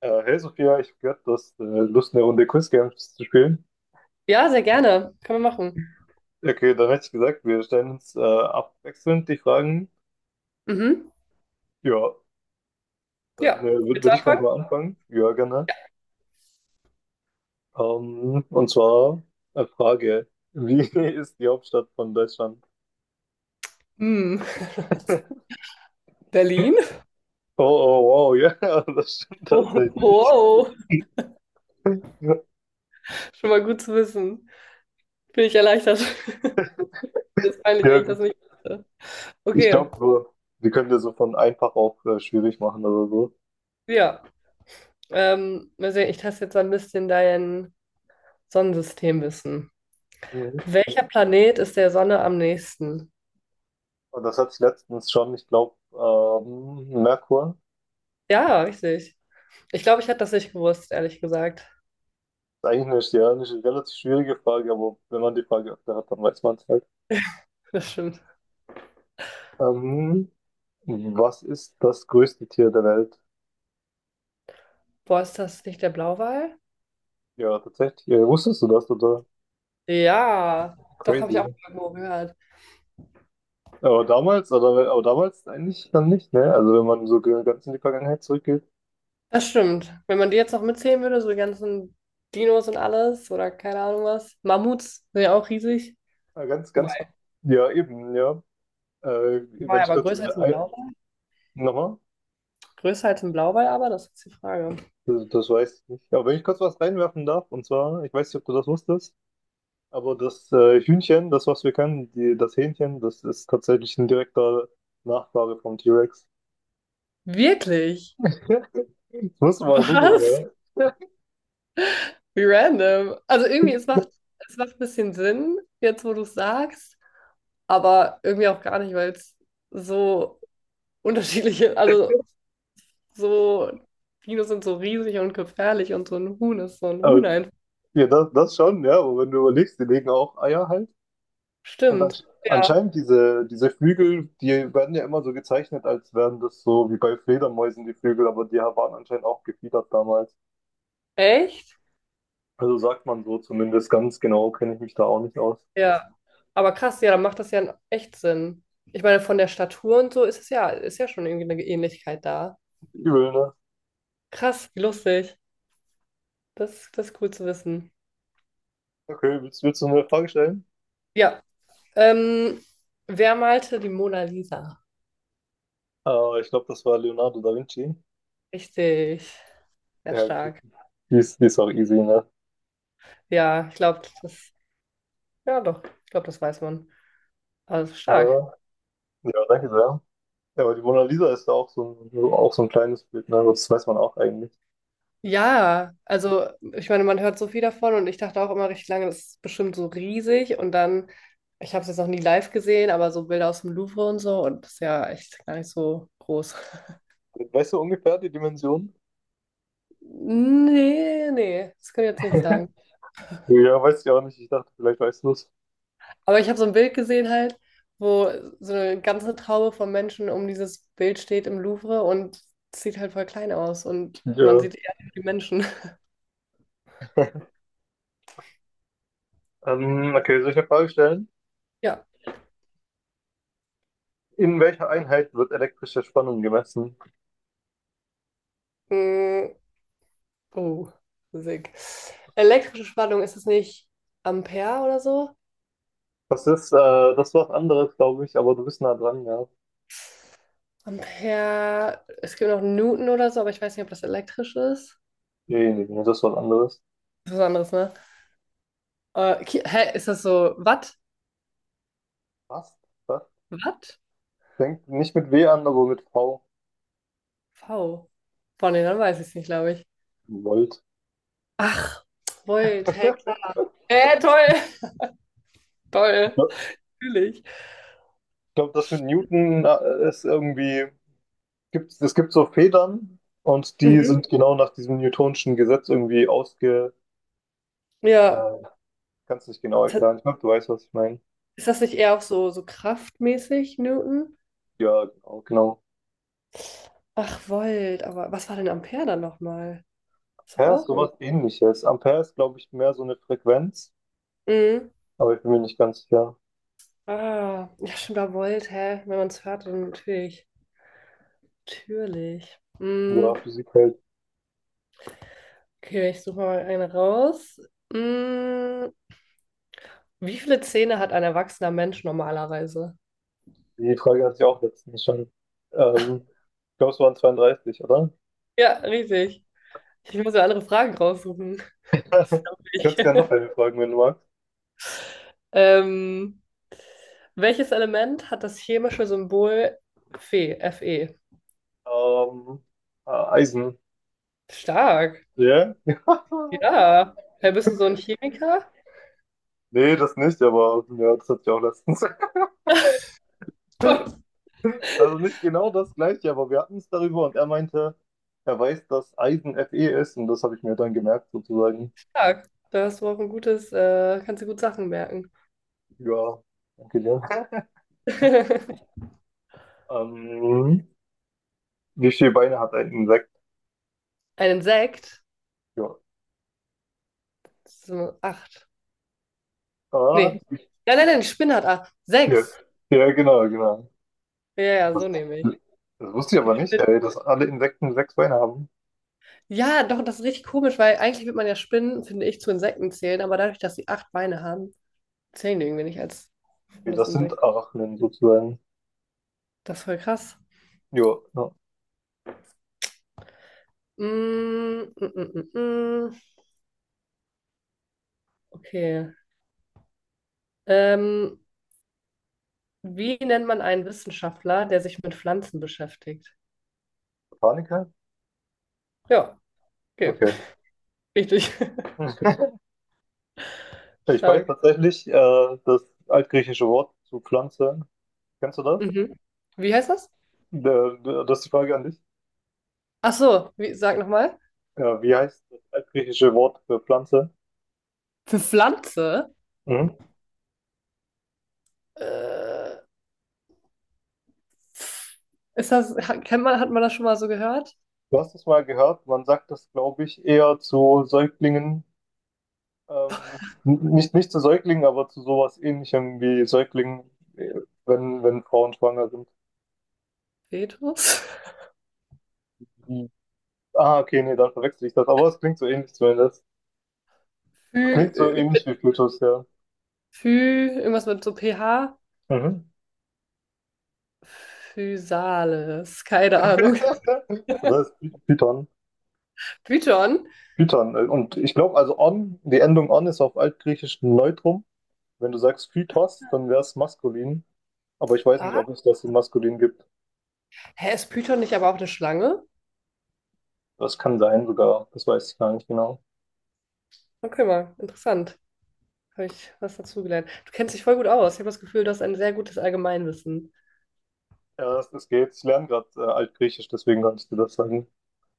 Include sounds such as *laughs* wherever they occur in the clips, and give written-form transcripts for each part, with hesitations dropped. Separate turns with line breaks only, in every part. Hey Sophia, ich habe gehört, du hast Lust, eine Runde Quiz Games zu spielen.
Ja, sehr gerne. Können wir machen.
Okay, dann hätte ich gesagt, wir stellen uns abwechselnd die Fragen.
Mhm.
Ja, dann
Ja. Willst du
würde ich gleich
anfangen?
mal anfangen. Ja, gerne. Und zwar eine Frage. Wie *laughs* ist die Hauptstadt von Deutschland?
Hm.
*laughs*
*laughs* Berlin?
Oh, oh, wow, ja, *laughs* das stimmt
Oh,
tatsächlich.
wow.
Ja,
Schon mal gut zu wissen. Bin ich erleichtert. Ist peinlich,
ja,
wenn ich das
gut.
nicht wusste.
Ich
Okay.
glaube, wir können ja so von einfach auf schwierig machen oder so.
Ja. Mal sehen, ich teste jetzt so ein bisschen dein Sonnensystemwissen.
Mhm.
Welcher Planet ist der Sonne am nächsten?
Und das hatte ich letztens schon, ich glaube, Merkur.
Ja, richtig. Ich glaube, ich hätte das nicht gewusst, ehrlich gesagt.
Eigentlich ja, eine relativ schwierige Frage, aber wenn man die Frage öfter hat, dann weiß man es halt.
*laughs* Das stimmt.
Ähm, Was ist das größte Tier der Welt?
Boah, ist das nicht der Blauwal?
Ja, tatsächlich. Ja, wusstest du das, oder?
Ja, doch, habe ich auch
Crazy.
mal irgendwo gehört.
Aber damals, oder, aber damals eigentlich dann nicht, ne? Also wenn man so ganz in die Vergangenheit zurückgeht.
Das stimmt. Wenn man die jetzt noch mitzählen würde, so die ganzen Dinos und alles oder keine Ahnung was. Mammuts sind ja auch riesig.
Ganz, ganz,
Wobei,
ja, eben, ja. Äh,
war
Wenn
ja
ich
aber
kurz,
größer als ein Blauwal.
nochmal,
Größer als ein Blauwal, aber das ist die Frage.
das, das weiß ich nicht. Aber wenn ich kurz was reinwerfen darf, und zwar, ich weiß nicht, ob du das wusstest. Aber das Hühnchen, das was wir kennen, die, das Hähnchen, das ist tatsächlich ein direkter Nachfahre vom T-Rex.
Wirklich?
*laughs* Musst du mal googeln,
Was?
ja.
Wie random. Also irgendwie, es macht ein bisschen Sinn, jetzt wo du es sagst, aber irgendwie auch gar nicht, weil es so unterschiedliche, also so, Dinos sind so riesig und gefährlich und so ein Huhn ist so ein Huhn
Aber
einfach.
ja, das, das schon, ja. Aber wenn du überlegst, die legen auch Eier halt. Und dann
Stimmt. Ja.
anscheinend diese, diese Flügel, die werden ja immer so gezeichnet, als wären das so wie bei Fledermäusen die Flügel, aber die waren anscheinend auch gefiedert damals.
Echt?
Also sagt man so, zumindest ganz genau kenne ich mich da auch nicht aus.
Ja, aber krass, ja, dann macht das ja echt Sinn. Ich meine, von der Statur und so ist es ja, ist ja schon irgendwie eine Ähnlichkeit da.
Übel, ne?
Krass, wie lustig. Das ist cool zu wissen.
Okay, willst, willst du mir eine Frage stellen?
Ja, ähm, wer malte die Mona Lisa?
Ich glaube, das war Leonardo da Vinci.
Richtig, sehr
Ja, die
stark.
ist, die ist auch easy, ne?
Ja, ja doch, ich glaube, das weiß man. Also stark.
Ja, ja, danke sehr. Ja, aber die Mona Lisa ist ja auch so ein kleines Bild, ne? Das weiß man auch eigentlich.
Ja, also ich meine, man hört so viel davon und ich dachte auch immer richtig lange, das ist bestimmt so riesig und dann, ich habe es jetzt noch nie live gesehen, aber so Bilder aus dem Louvre und so und das ist ja echt gar nicht so groß. *laughs*
Weißt du ungefähr die Dimension?
Nee, nee, das kann ich jetzt nicht
*laughs*
sagen.
Ja, weiß ich auch nicht. Ich dachte, vielleicht weißt du es.
Aber ich habe so ein Bild gesehen halt, wo so eine ganze Traube von Menschen um dieses Bild steht im Louvre und es sieht halt voll klein aus und man
Ja.
sieht eher die Menschen.
Okay, soll ich eine Frage stellen?
*laughs* Ja.
In welcher Einheit wird elektrische Spannung gemessen?
Mm, Oh, Musik. Elektrische Spannung, ist es nicht Ampere oder so?
Das ist, äh, das ist was anderes, glaube ich, aber du bist nah dran, ja.
Ampere, es gibt noch Newton oder so, aber ich weiß nicht, ob das elektrisch ist.
Nee, nee, nee, das ist was anderes.
Das ist was anderes, ne? Hä, ist das so Watt?
Was? Was?
Watt?
Fängt nicht mit W an, aber mit V.
V. Von denen, dann weiß ich es nicht, glaube ich.
Volt.
Ach, Volt, hä,
*laughs*
klar. Hä, toll. *laughs* Toll. Natürlich.
Ich glaube, das mit Newton ist irgendwie. Gibt, es gibt so Federn und die
Mhm.
sind genau nach diesem Newtonschen Gesetz irgendwie ausge.
Ja.
Äh, kannst nicht genau
Ist das
erklären. Ich glaube, du weißt, was ich meine.
ist das nicht eher auch so kraftmäßig, Newton?
Ja, genau, genau.
Ach, Volt, aber was war denn Ampere dann nochmal? Ist doch
Ampere ist
auch irgendwie.
sowas ähnliches. Ampere ist, glaube ich, mehr so eine Frequenz,
Mhm.
aber ich bin mir nicht ganz sicher,
Ah, ja, stimmt, hä? Wenn man es hört, dann natürlich. Natürlich. Mm,
über Physik hält.
okay, ich suche mal eine raus. Mm, wie viele Zähne hat ein erwachsener Mensch normalerweise?
Die Frage hatte ich auch letztens schon. Ähm, Ich glaube, es waren 32, oder?
Ja, richtig. Ich muss ja andere Fragen raussuchen.
*laughs*
Das
Du
glaub ich.
kannst gerne noch
*laughs*
eine fragen, wenn du magst.
Ähm, welches Element hat das chemische Symbol Fe? Fe.
Ähm, Eisen.
Stark.
Ja? *laughs*
Ja. Hey, bist du so ein Chemiker?
Nee, das nicht, aber ja, das hatte ich auch letztens.
Oh,
Also nicht genau das gleiche, aber wir hatten es darüber und er meinte, er weiß, dass Eisen Fe ist, und das habe ich mir dann gemerkt sozusagen.
stark. Da hast du auch ein gutes, kannst du gut Sachen merken.
Ja, danke dir.
*laughs*
Ähm, Wie viele Beine hat ein Insekt?
Ein Insekt?
Ja.
Das ist nur acht.
Ah,
Nee. Nein, nein, nein, die Spinne hat acht.
ja,
Sechs.
ja, genau, genau.
Ja, ja, so
Das,
nehme ich.
das wusste ich
Die
aber nicht,
Spinne.
ey, dass alle Insekten sechs Beine haben.
Ja, doch, das ist richtig komisch, weil eigentlich wird man ja Spinnen, finde ich, zu Insekten zählen, aber dadurch, dass sie acht Beine haben, zählen die irgendwie nicht als
Nee,
das
das
Insekt.
sind Arachniden sozusagen.
Das ist voll krass.
Jo, ja.
Mm, mm, mm, mm, mm. Okay. Ähm, wie nennt man einen Wissenschaftler, der sich mit Pflanzen beschäftigt?
Botaniker?
Ja, okay.
Okay.
*laughs* Richtig. *laughs*
*laughs* Ich weiß
Stark.
tatsächlich das altgriechische Wort zu Pflanze. Kennst du das?
Mhm. Wie heißt das?
Der, der, das ist die Frage an dich.
Ach so, wie, sag nochmal.
Ja, wie heißt das altgriechische Wort für Pflanze?
Für Pflanze?
Mhm.
Äh, ist das, hat, kennt man, hat man das schon mal so gehört?
Du hast es mal gehört, man sagt das, glaube ich, eher zu Säuglingen, nicht, nicht zu Säuglingen, aber zu sowas ähnlichem wie Säuglingen, äh, wenn, wenn Frauen schwanger sind.
Petrus?
Mhm. Ah, okay, nee, dann verwechsel ich das. Aber es klingt so ähnlich zumindest.
Phy,
Klingt so
äh,
ähnlich wie Plutus, ja.
Phy, irgendwas mit so pH?
Mhm.
Physales, keine Ahnung. *laughs*
*laughs* Das heißt Python.
Python?
Python. Und ich glaube, also on, die Endung on ist auf Altgriechisch Neutrum. Wenn du sagst Phytos, dann wäre es maskulin. Aber ich weiß nicht,
Ah,
ob es das in maskulin gibt.
hä, ist Python nicht aber auch eine Schlange?
Das kann sein sogar. Das weiß ich gar nicht genau.
Okay, mal, interessant. Habe ich was dazugelernt. Du kennst dich voll gut aus. Ich habe das Gefühl, du hast ein sehr gutes Allgemeinwissen.
Ja, das, das geht. Ich lerne gerade Altgriechisch, deswegen kann ich dir das sagen.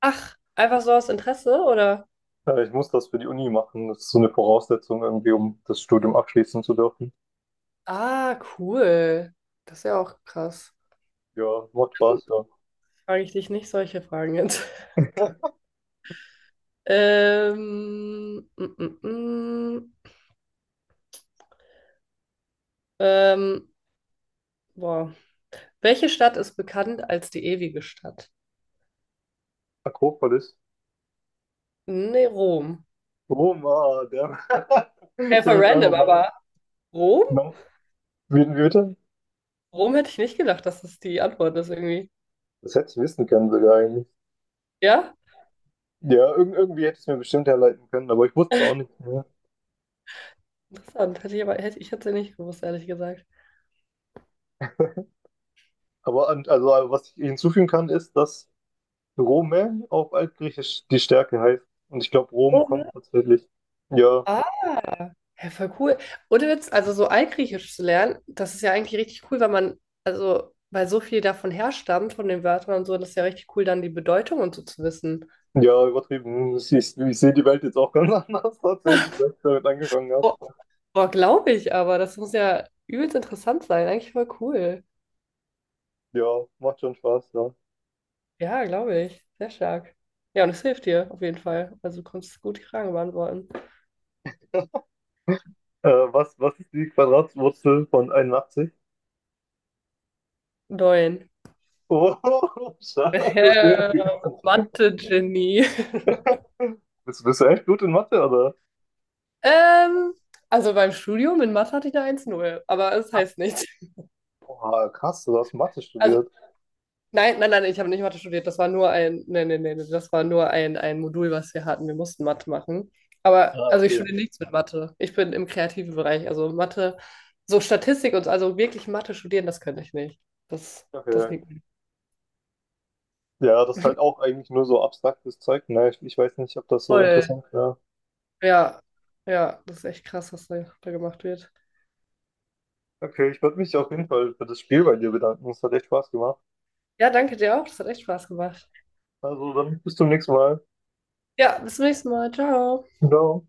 Ach, einfach so aus Interesse, oder?
Ich muss das für die Uni machen. Das ist so eine Voraussetzung irgendwie, um das Studium abschließen zu dürfen.
Ah, cool. Das ist ja auch krass.
Ja, macht Spaß, ja.
Frage ich dich nicht solche Fragen jetzt. Ähm, mm, mm, mm. ähm, boah. Welche Stadt ist bekannt als die ewige Stadt?
Akropolis.
Nee, Rom.
Roma, der. *laughs*
Hey,
Ich
voll
habe jetzt einfach
random,
mal.
aber Rom?
Na, wie, wie bitte?
Rom hätte ich nicht gedacht, dass das die Antwort ist irgendwie.
Das hätte ich wissen können sogar eigentlich.
Ja?
Ja, irgendwie hätte ich es mir bestimmt herleiten können, aber ich wusste es auch nicht.
Interessant. Hätte ich aber, ich hätte es nicht gewusst, ehrlich gesagt.
Aber an, also was ich hinzufügen kann, ist, dass Rome auf Altgriechisch die Stärke heißt. Und ich glaube, Rom kommt
Rom.
tatsächlich. Ja,
Ah, ja, voll cool. Ohne Witz, also so Altgriechisch zu lernen, das ist ja eigentlich richtig cool, weil man, also, weil so viel davon herstammt, von den Wörtern und so, das ist ja richtig cool, dann die Bedeutung und so zu wissen.
ja, übertrieben. Ich sehe die Welt jetzt auch ganz *laughs* anders tatsächlich, seit ich damit angefangen habe.
Boah, boah glaube ich aber. Das muss ja übelst interessant sein. Eigentlich voll cool.
Ja, macht schon Spaß, ja.
Ja, glaube ich. Sehr stark. Ja, und es hilft dir auf jeden Fall. Also du konntest gut die Frage beantworten.
Was, was ist die Quadratwurzel von 81?
Neun. *laughs*
Oh, *laughs* stark,
Äh,
okay.
Mathe-Genie.
Bist, bist du echt gut in Mathe, oder?
Ähm, also beim Studium in Mathe hatte ich eine 1,0, aber es heißt nichts.
Boah, krass, du hast Mathe
Also
studiert.
nein, nein, nein, ich habe nicht Mathe studiert. Das war nur ein, nein, nein, nein, das war nur ein, Modul, was wir hatten. Wir mussten Mathe machen. Aber
Ah,
also ich
okay.
studiere nichts mit Mathe. Ich bin im kreativen Bereich. Also Mathe, so Statistik und so, also wirklich Mathe studieren, das könnte ich nicht. Das
Okay.
liegt mir
Ja, das ist halt auch eigentlich nur so abstraktes Zeug. Ne? Ich weiß nicht, ob das so
voll.
interessant wäre.
Ja, ja, das ist echt krass, was da gemacht wird.
Okay, ich würde mich auf jeden Fall für das Spiel bei dir bedanken. Es hat echt Spaß gemacht.
Ja, danke dir auch. Das hat echt Spaß gemacht.
Also dann bis zum nächsten Mal.
Ja, bis zum nächsten Mal. Ciao.
Ciao.